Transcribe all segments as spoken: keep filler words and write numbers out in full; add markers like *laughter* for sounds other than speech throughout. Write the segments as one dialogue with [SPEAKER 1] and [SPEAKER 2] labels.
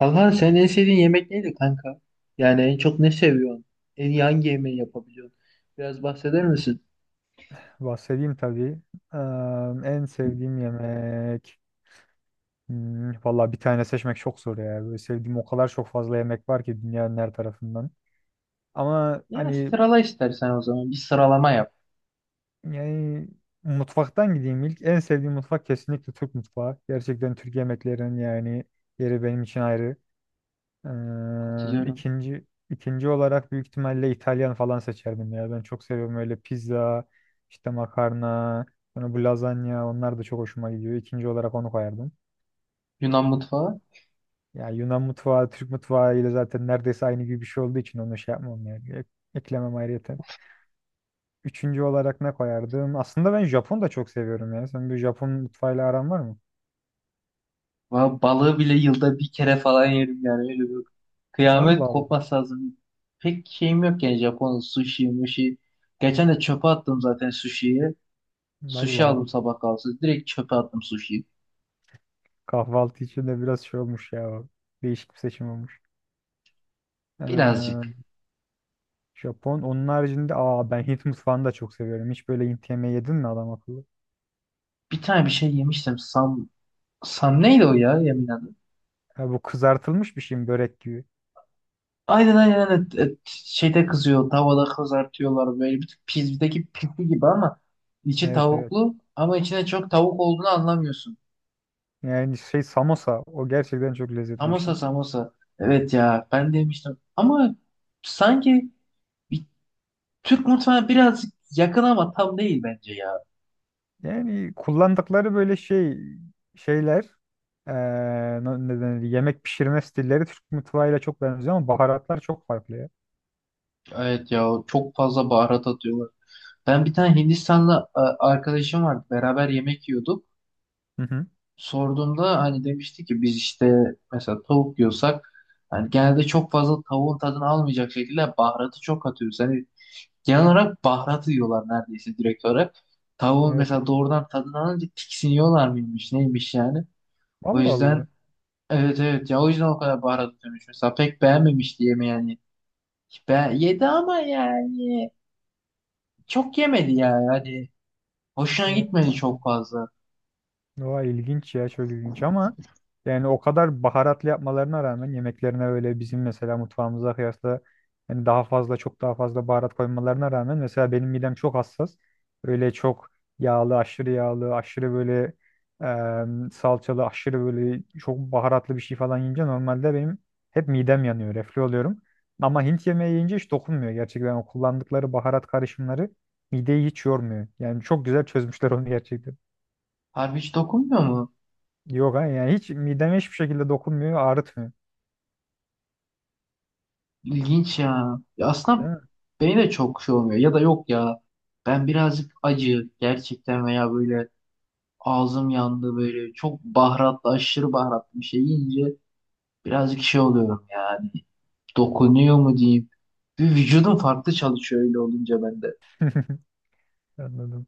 [SPEAKER 1] Kanka sen en sevdiğin yemek neydi kanka? Yani en çok ne seviyorsun? En iyi hangi yemeği yapabiliyorsun? Biraz bahseder misin?
[SPEAKER 2] Bahsedeyim tabii. Eee, en sevdiğim yemek. Hmm, valla bir tane seçmek çok zor ya. Böyle sevdiğim o kadar çok fazla yemek var ki dünyanın her tarafından. Ama
[SPEAKER 1] Ya
[SPEAKER 2] hani
[SPEAKER 1] sırala istersen o zaman. Bir sıralama yap.
[SPEAKER 2] yani mutfaktan gideyim ilk. En sevdiğim mutfak kesinlikle Türk mutfağı. Gerçekten Türk yemeklerinin yani yeri benim için ayrı. Eee
[SPEAKER 1] Katılıyorum.
[SPEAKER 2] ikinci ikinci olarak büyük ihtimalle İtalyan falan seçerdim ya. Ben çok seviyorum öyle pizza, işte makarna, sonra bu lazanya onlar da çok hoşuma gidiyor. İkinci olarak onu koyardım.
[SPEAKER 1] Yunan mutfağı.
[SPEAKER 2] Ya Yunan mutfağı Türk mutfağı ile zaten neredeyse aynı gibi bir şey olduğu için onu şey yapmam yani. Ek- Eklemem ayrıyeten. Üçüncü olarak ne koyardım? Aslında ben Japon da çok seviyorum ya. Sen bir Japon mutfağıyla aran var mı?
[SPEAKER 1] Va- Balığı bile yılda bir kere falan yerim yani. Öyle bir
[SPEAKER 2] Allah
[SPEAKER 1] kıyamet
[SPEAKER 2] Allah.
[SPEAKER 1] kopmaz lazım. Pek şeyim yok yani Japon sushi, mushi. Geçen de çöpe attım zaten sushi'yi.
[SPEAKER 2] Allah
[SPEAKER 1] Sushi
[SPEAKER 2] Allah.
[SPEAKER 1] aldım sabah kahvaltısı. Direkt çöpe attım sushi'yi.
[SPEAKER 2] Kahvaltı için de biraz şey olmuş ya. O. Değişik bir seçim olmuş. Ee,
[SPEAKER 1] Birazcık.
[SPEAKER 2] Japon. Onun haricinde aa ben Hint mutfağını da çok seviyorum. Hiç böyle Hint yemeği yedin mi adam akıllı?
[SPEAKER 1] Bir tane bir şey yemiştim. Sam, Sam neydi o ya yemin adı?
[SPEAKER 2] Ha, bu kızartılmış bir şey mi? Börek gibi.
[SPEAKER 1] Aynen aynen aynen. E, şeyde kızıyor tavada kızartıyorlar böyle bir tık pizzadaki pizza gibi ama içi
[SPEAKER 2] Evet, evet.
[SPEAKER 1] tavuklu ama içine çok tavuk olduğunu anlamıyorsun.
[SPEAKER 2] Yani şey samosa. O gerçekten çok lezzetli bir
[SPEAKER 1] Samosa
[SPEAKER 2] şey.
[SPEAKER 1] samosa. Evet ya ben demiştim ama sanki bir Türk mutfağına birazcık yakın ama tam değil bence ya.
[SPEAKER 2] Yani kullandıkları böyle şey şeyler eee, ne ne denir, yemek pişirme stilleri Türk mutfağıyla çok benziyor ama baharatlar çok farklı ya.
[SPEAKER 1] Evet ya çok fazla baharat atıyorlar. Ben bir tane Hindistanlı e, arkadaşım vardı beraber yemek yiyorduk.
[SPEAKER 2] Hı hı.
[SPEAKER 1] Sorduğumda hani demişti ki biz işte mesela tavuk yiyorsak hani genelde çok fazla tavuğun tadını almayacak şekilde baharatı çok atıyoruz. Hani genel olarak baharatı yiyorlar neredeyse direkt olarak. Tavuğun
[SPEAKER 2] Evet,
[SPEAKER 1] mesela
[SPEAKER 2] evet.
[SPEAKER 1] doğrudan tadını alınca tiksiniyorlar mıymış neymiş yani. O
[SPEAKER 2] Allah
[SPEAKER 1] yüzden
[SPEAKER 2] Allah.
[SPEAKER 1] evet, evet ya o yüzden o kadar baharat atıyormuş. Mesela pek beğenmemişti yemeği yani. Ben, yedi ama yani çok yemedi ya yani. Hani hoşuna gitmedi
[SPEAKER 2] Hı.
[SPEAKER 1] çok fazla.
[SPEAKER 2] Oha ilginç ya çok ilginç ama yani o kadar baharatlı yapmalarına rağmen yemeklerine öyle bizim mesela mutfağımıza kıyasla yani daha fazla çok daha fazla baharat koymalarına rağmen mesela benim midem çok hassas. Öyle çok yağlı, aşırı yağlı, aşırı böyle em, salçalı, aşırı böyle çok baharatlı bir şey falan yiyince normalde benim hep midem yanıyor, reflü oluyorum. Ama Hint yemeği yiyince hiç dokunmuyor gerçekten o kullandıkları baharat karışımları mideyi hiç yormuyor. Yani çok güzel çözmüşler onu gerçekten.
[SPEAKER 1] Harbi hiç dokunmuyor mu?
[SPEAKER 2] Yok ha, yani hiç mideme hiçbir şekilde dokunmuyor, ağrıtmıyor.
[SPEAKER 1] İlginç ya. Ya
[SPEAKER 2] Değil
[SPEAKER 1] aslında
[SPEAKER 2] mi?
[SPEAKER 1] beni de çok şey olmuyor. Ya da yok ya. Ben birazcık acı gerçekten veya böyle ağzım yandı böyle çok baharatlı aşırı baharatlı bir şey yiyince birazcık şey oluyorum yani. Dokunuyor mu diyeyim. Bir vücudum farklı çalışıyor öyle olunca bende.
[SPEAKER 2] Anladım.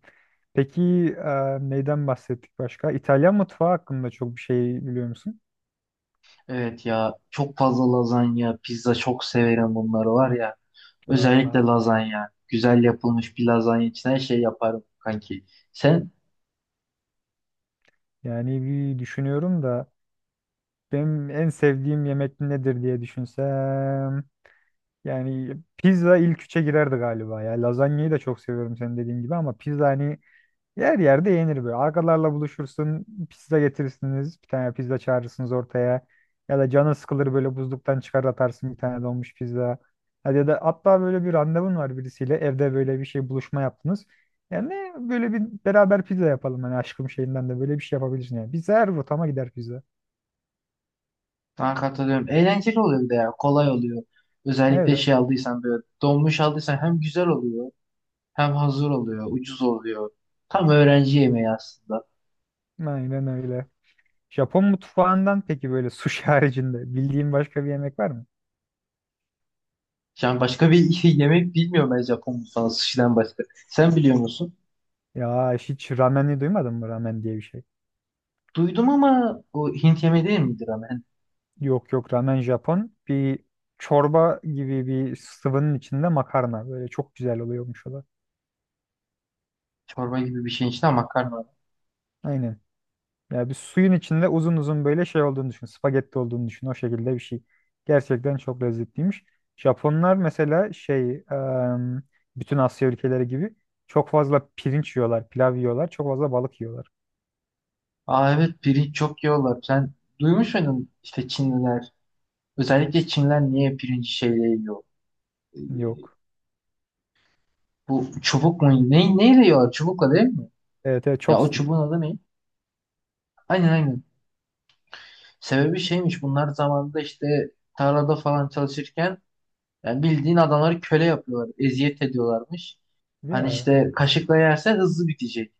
[SPEAKER 2] Peki e, neyden bahsettik başka? İtalyan mutfağı hakkında çok bir şey biliyor musun?
[SPEAKER 1] Evet ya çok fazla lazanya, pizza çok severim bunları var ya. Özellikle
[SPEAKER 2] Aa,
[SPEAKER 1] lazanya. Güzel yapılmış bir lazanya için her şey yaparım kanki. Sen
[SPEAKER 2] yani bir düşünüyorum da benim en sevdiğim yemek nedir diye düşünsem. Yani pizza ilk üçe girerdi galiba ya. Lazanyayı da çok seviyorum senin dediğin gibi ama pizza hani yer yerde yenir böyle. Arkalarla buluşursun, pizza getirirsiniz, bir tane pizza çağırırsınız ortaya. Ya da canı sıkılır böyle buzluktan çıkar atarsın bir tane donmuş pizza. Hadi ya da hatta böyle bir randevun var birisiyle evde böyle bir şey buluşma yaptınız. Yani böyle bir beraber pizza yapalım hani aşkım şeyinden de böyle bir şey yapabilirsin yani. Pizza her rotama gider pizza.
[SPEAKER 1] sana katılıyorum. Eğlenceli oluyor bir de ya. Kolay oluyor.
[SPEAKER 2] Evet,
[SPEAKER 1] Özellikle
[SPEAKER 2] evet.
[SPEAKER 1] şey aldıysan böyle donmuş aldıysan hem güzel oluyor hem hazır oluyor. Ucuz oluyor. Tam öğrenci yemeği aslında.
[SPEAKER 2] Aynen öyle. Japon mutfağından peki böyle sushi haricinde bildiğin başka bir yemek var mı?
[SPEAKER 1] Yani başka bir *laughs* yemek bilmiyorum ben Japon mutfağı sushi'den başka. Sen biliyor musun?
[SPEAKER 2] Ya hiç ramen'i duymadın mı ramen diye bir şey?
[SPEAKER 1] Duydum ama o Hint yemeği değil midir ama? Yani
[SPEAKER 2] Yok yok, ramen Japon. Bir çorba gibi bir sıvının içinde makarna. Böyle çok güzel oluyormuş o da.
[SPEAKER 1] çorba gibi bir şeyin içinde makarna var.
[SPEAKER 2] Aynen. Ya bir suyun içinde uzun uzun böyle şey olduğunu düşün. Spagetti olduğunu düşün. O şekilde bir şey. Gerçekten çok lezzetliymiş. Japonlar mesela şey em, bütün Asya ülkeleri gibi çok fazla pirinç yiyorlar, pilav yiyorlar, çok fazla balık yiyorlar.
[SPEAKER 1] Aa evet pirinç çok yiyorlar. Sen duymuş muydun işte Çinliler? Özellikle Çinliler niye pirinci şeyle yiyor? Ee,
[SPEAKER 2] Yok.
[SPEAKER 1] Bu çubuk mu? Ne, neyle yiyorlar? Çubukla değil mi?
[SPEAKER 2] Evet, evet,
[SPEAKER 1] Ya o
[SPEAKER 2] chopstick.
[SPEAKER 1] çubuğun adı ne? Aynen aynen. Sebebi şeymiş bunlar zamanında işte tarlada falan çalışırken yani bildiğin adamları köle yapıyorlar. Eziyet ediyorlarmış. Hani
[SPEAKER 2] Ya
[SPEAKER 1] işte kaşıkla yersen hızlı bitecek.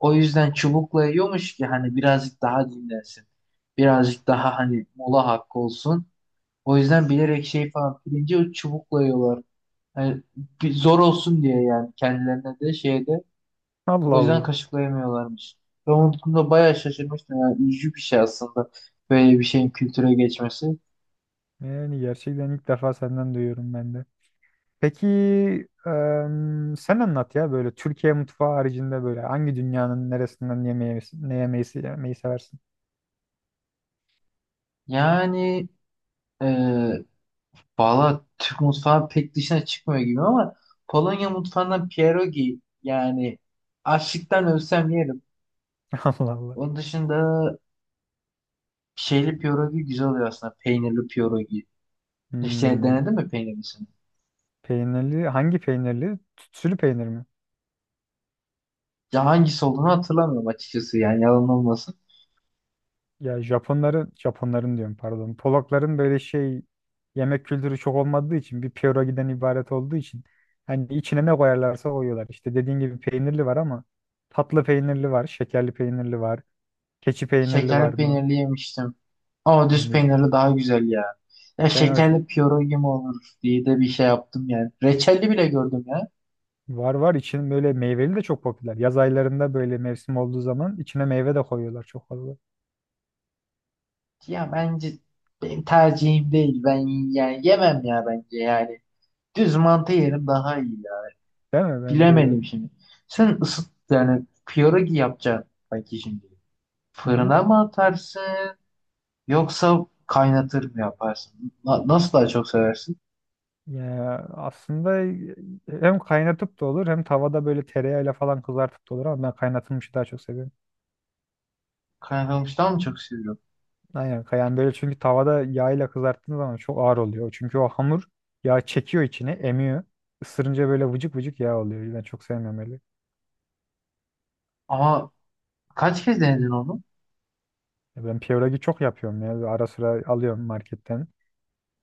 [SPEAKER 1] O yüzden çubukla yiyormuş ki hani birazcık daha dinlensin. Birazcık daha hani mola hakkı olsun. O yüzden bilerek şey falan pirinci çubukla yiyorlar. Hani bir zor olsun diye yani kendilerine de şeyde
[SPEAKER 2] Allah
[SPEAKER 1] o yüzden
[SPEAKER 2] Allah.
[SPEAKER 1] kaşıklayamıyorlarmış. Ben onun konuda bayağı şaşırmıştım. Yani üzücü bir şey aslında. Böyle bir şeyin kültüre geçmesi.
[SPEAKER 2] Yani gerçekten ilk defa senden duyuyorum ben de. Peki em, sen anlat ya böyle Türkiye mutfağı haricinde böyle hangi dünyanın neresinden yemeği, ne yemeği, yemeği seversin?
[SPEAKER 1] Yani e, valla Türk mutfağı pek dışına çıkmıyor gibi ama Polonya mutfağından pierogi yani açlıktan ölsem yerim.
[SPEAKER 2] *laughs* Allah Allah.
[SPEAKER 1] Onun dışında şeyli pierogi güzel oluyor aslında. Peynirli pierogi. İşte
[SPEAKER 2] Hmm,
[SPEAKER 1] denedin mi peynirlisini?
[SPEAKER 2] peynirli hangi peynirli? Tütsülü peynir mi?
[SPEAKER 1] Ya hangisi olduğunu hatırlamıyorum açıkçası yani yalan olmasın.
[SPEAKER 2] Ya Japonların Japonların diyorum pardon. Polakların böyle şey yemek kültürü çok olmadığı için bir pierogi'den ibaret olduğu için hani içine ne koyarlarsa koyuyorlar. İşte dediğin gibi peynirli var ama tatlı peynirli var, şekerli peynirli var, keçi peynirli
[SPEAKER 1] Şekerli
[SPEAKER 2] var mı?
[SPEAKER 1] peynirli yemiştim. Ama düz
[SPEAKER 2] Yani
[SPEAKER 1] peynirli daha güzel ya. Ya
[SPEAKER 2] ben o
[SPEAKER 1] şekerli pierogi mi olur diye de bir şey yaptım yani. Reçelli bile gördüm ya.
[SPEAKER 2] var var için böyle meyveli de çok popüler. Yaz aylarında böyle mevsim olduğu zaman içine meyve de koyuyorlar çok fazla.
[SPEAKER 1] Ya bence benim tercihim değil. Ben yani yemem ya bence yani. Düz mantı yerim daha iyi ya.
[SPEAKER 2] Değil mi? Bence de.
[SPEAKER 1] Bilemedim şimdi. Sen ısıt yani pierogi yapacaksın belki şimdi.
[SPEAKER 2] Hı hı.
[SPEAKER 1] Fırına mı atarsın yoksa kaynatır mı yaparsın? Na- nasıl daha çok seversin?
[SPEAKER 2] Ya aslında e, hem kaynatıp da olur hem tavada böyle tereyağıyla falan kızartıp da olur ama ben kaynatılmışı daha çok seviyorum.
[SPEAKER 1] Kaynatılmıştan mı çok seviyorum?
[SPEAKER 2] Aynen yani böyle çünkü tavada yağıyla kızarttığın zaman çok ağır oluyor. Çünkü o hamur yağ çekiyor içine, emiyor. Isırınca böyle vıcık vıcık yağ oluyor. Ben çok sevmiyorum öyle.
[SPEAKER 1] Ama kaç kez denedin onu?
[SPEAKER 2] Ben piyoragi çok yapıyorum ya. Ara sıra alıyorum marketten.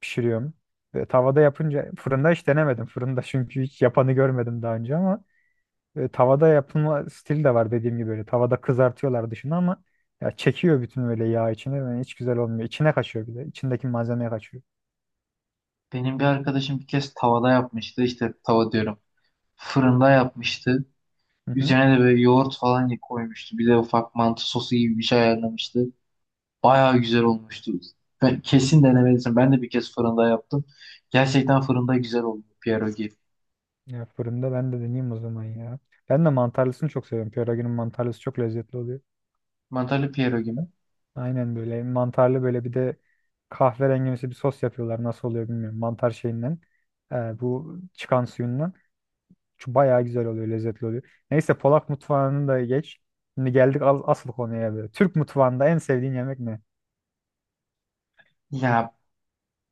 [SPEAKER 2] Pişiriyorum. Ve tavada yapınca fırında hiç denemedim. Fırında çünkü hiç yapanı görmedim daha önce ama e, tavada yapılma stil de var dediğim gibi böyle. Tavada kızartıyorlar dışını ama ya çekiyor bütün öyle yağ içine ve hiç güzel olmuyor. İçine kaçıyor bir de. İçindeki malzemeye kaçıyor.
[SPEAKER 1] Benim bir arkadaşım bir kez tavada yapmıştı. İşte tava diyorum. Fırında yapmıştı.
[SPEAKER 2] Hı hı.
[SPEAKER 1] Üzerine de böyle yoğurt falan ye- koymuştu. Bir de ufak mantı sosu gibi bir şey ayarlamıştı. Bayağı güzel olmuştu. Ben kesin denemelisin. Ben de bir kez fırında yaptım. Gerçekten fırında güzel oldu pierogi.
[SPEAKER 2] Ya fırında ben de deneyeyim o zaman ya. Ben de mantarlısını çok seviyorum. Pierogi'nin mantarlısı çok lezzetli oluyor.
[SPEAKER 1] Mantarlı pierogi mi?
[SPEAKER 2] Aynen böyle mantarlı böyle bir de kahverengimsi bir sos yapıyorlar. Nasıl oluyor bilmiyorum. Mantar şeyinden. e, bu çıkan suyundan. Şu bayağı güzel oluyor, lezzetli oluyor. Neyse Polak mutfağını da geç. Şimdi geldik al- asıl konuya böyle. Türk mutfağında en sevdiğin yemek ne?
[SPEAKER 1] Ya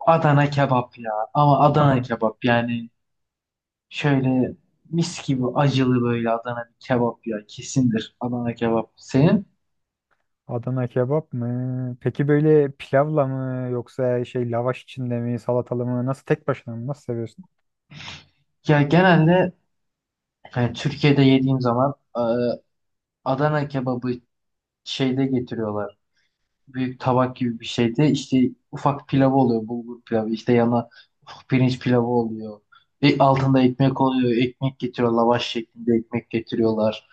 [SPEAKER 1] Adana kebap ya. Ama Adana
[SPEAKER 2] *laughs*
[SPEAKER 1] kebap yani şöyle mis gibi acılı böyle Adana bir kebap ya. Kesindir Adana kebap. Senin?
[SPEAKER 2] Adana kebap mı? Peki böyle pilavla mı yoksa şey lavaş içinde mi, salatalı mı? Nasıl tek başına mı? Nasıl seviyorsun?
[SPEAKER 1] Ya genelde yani Türkiye'de yediğim zaman e, Adana kebabı şeyde getiriyorlar. Büyük tabak gibi bir şeyde işte ufak pilavı oluyor. Bulgur pilavı işte yana ufak pirinç pilavı oluyor. E, altında ekmek oluyor. Ekmek getiriyor. Lavaş şeklinde ekmek getiriyorlar.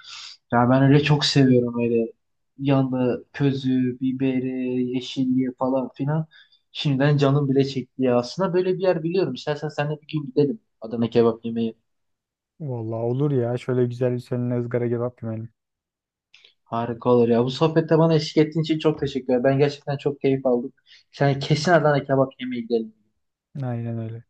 [SPEAKER 1] Yani ben öyle çok seviyorum öyle. Yanında közü, biberi, yeşilliği falan filan. Şimdiden canım bile çekti ya. Aslında böyle bir yer biliyorum. İstersen sen de bir gün gidelim Adana kebap yemeye.
[SPEAKER 2] Vallahi olur ya. Şöyle güzel bir seninle ızgara kebap gömelim.
[SPEAKER 1] Harika olur ya. Bu sohbette bana eşlik ettiğin için çok teşekkür ederim. Ben gerçekten çok keyif aldım. Yani kesin Adana kebap yemeye gidelim.
[SPEAKER 2] Aynen öyle.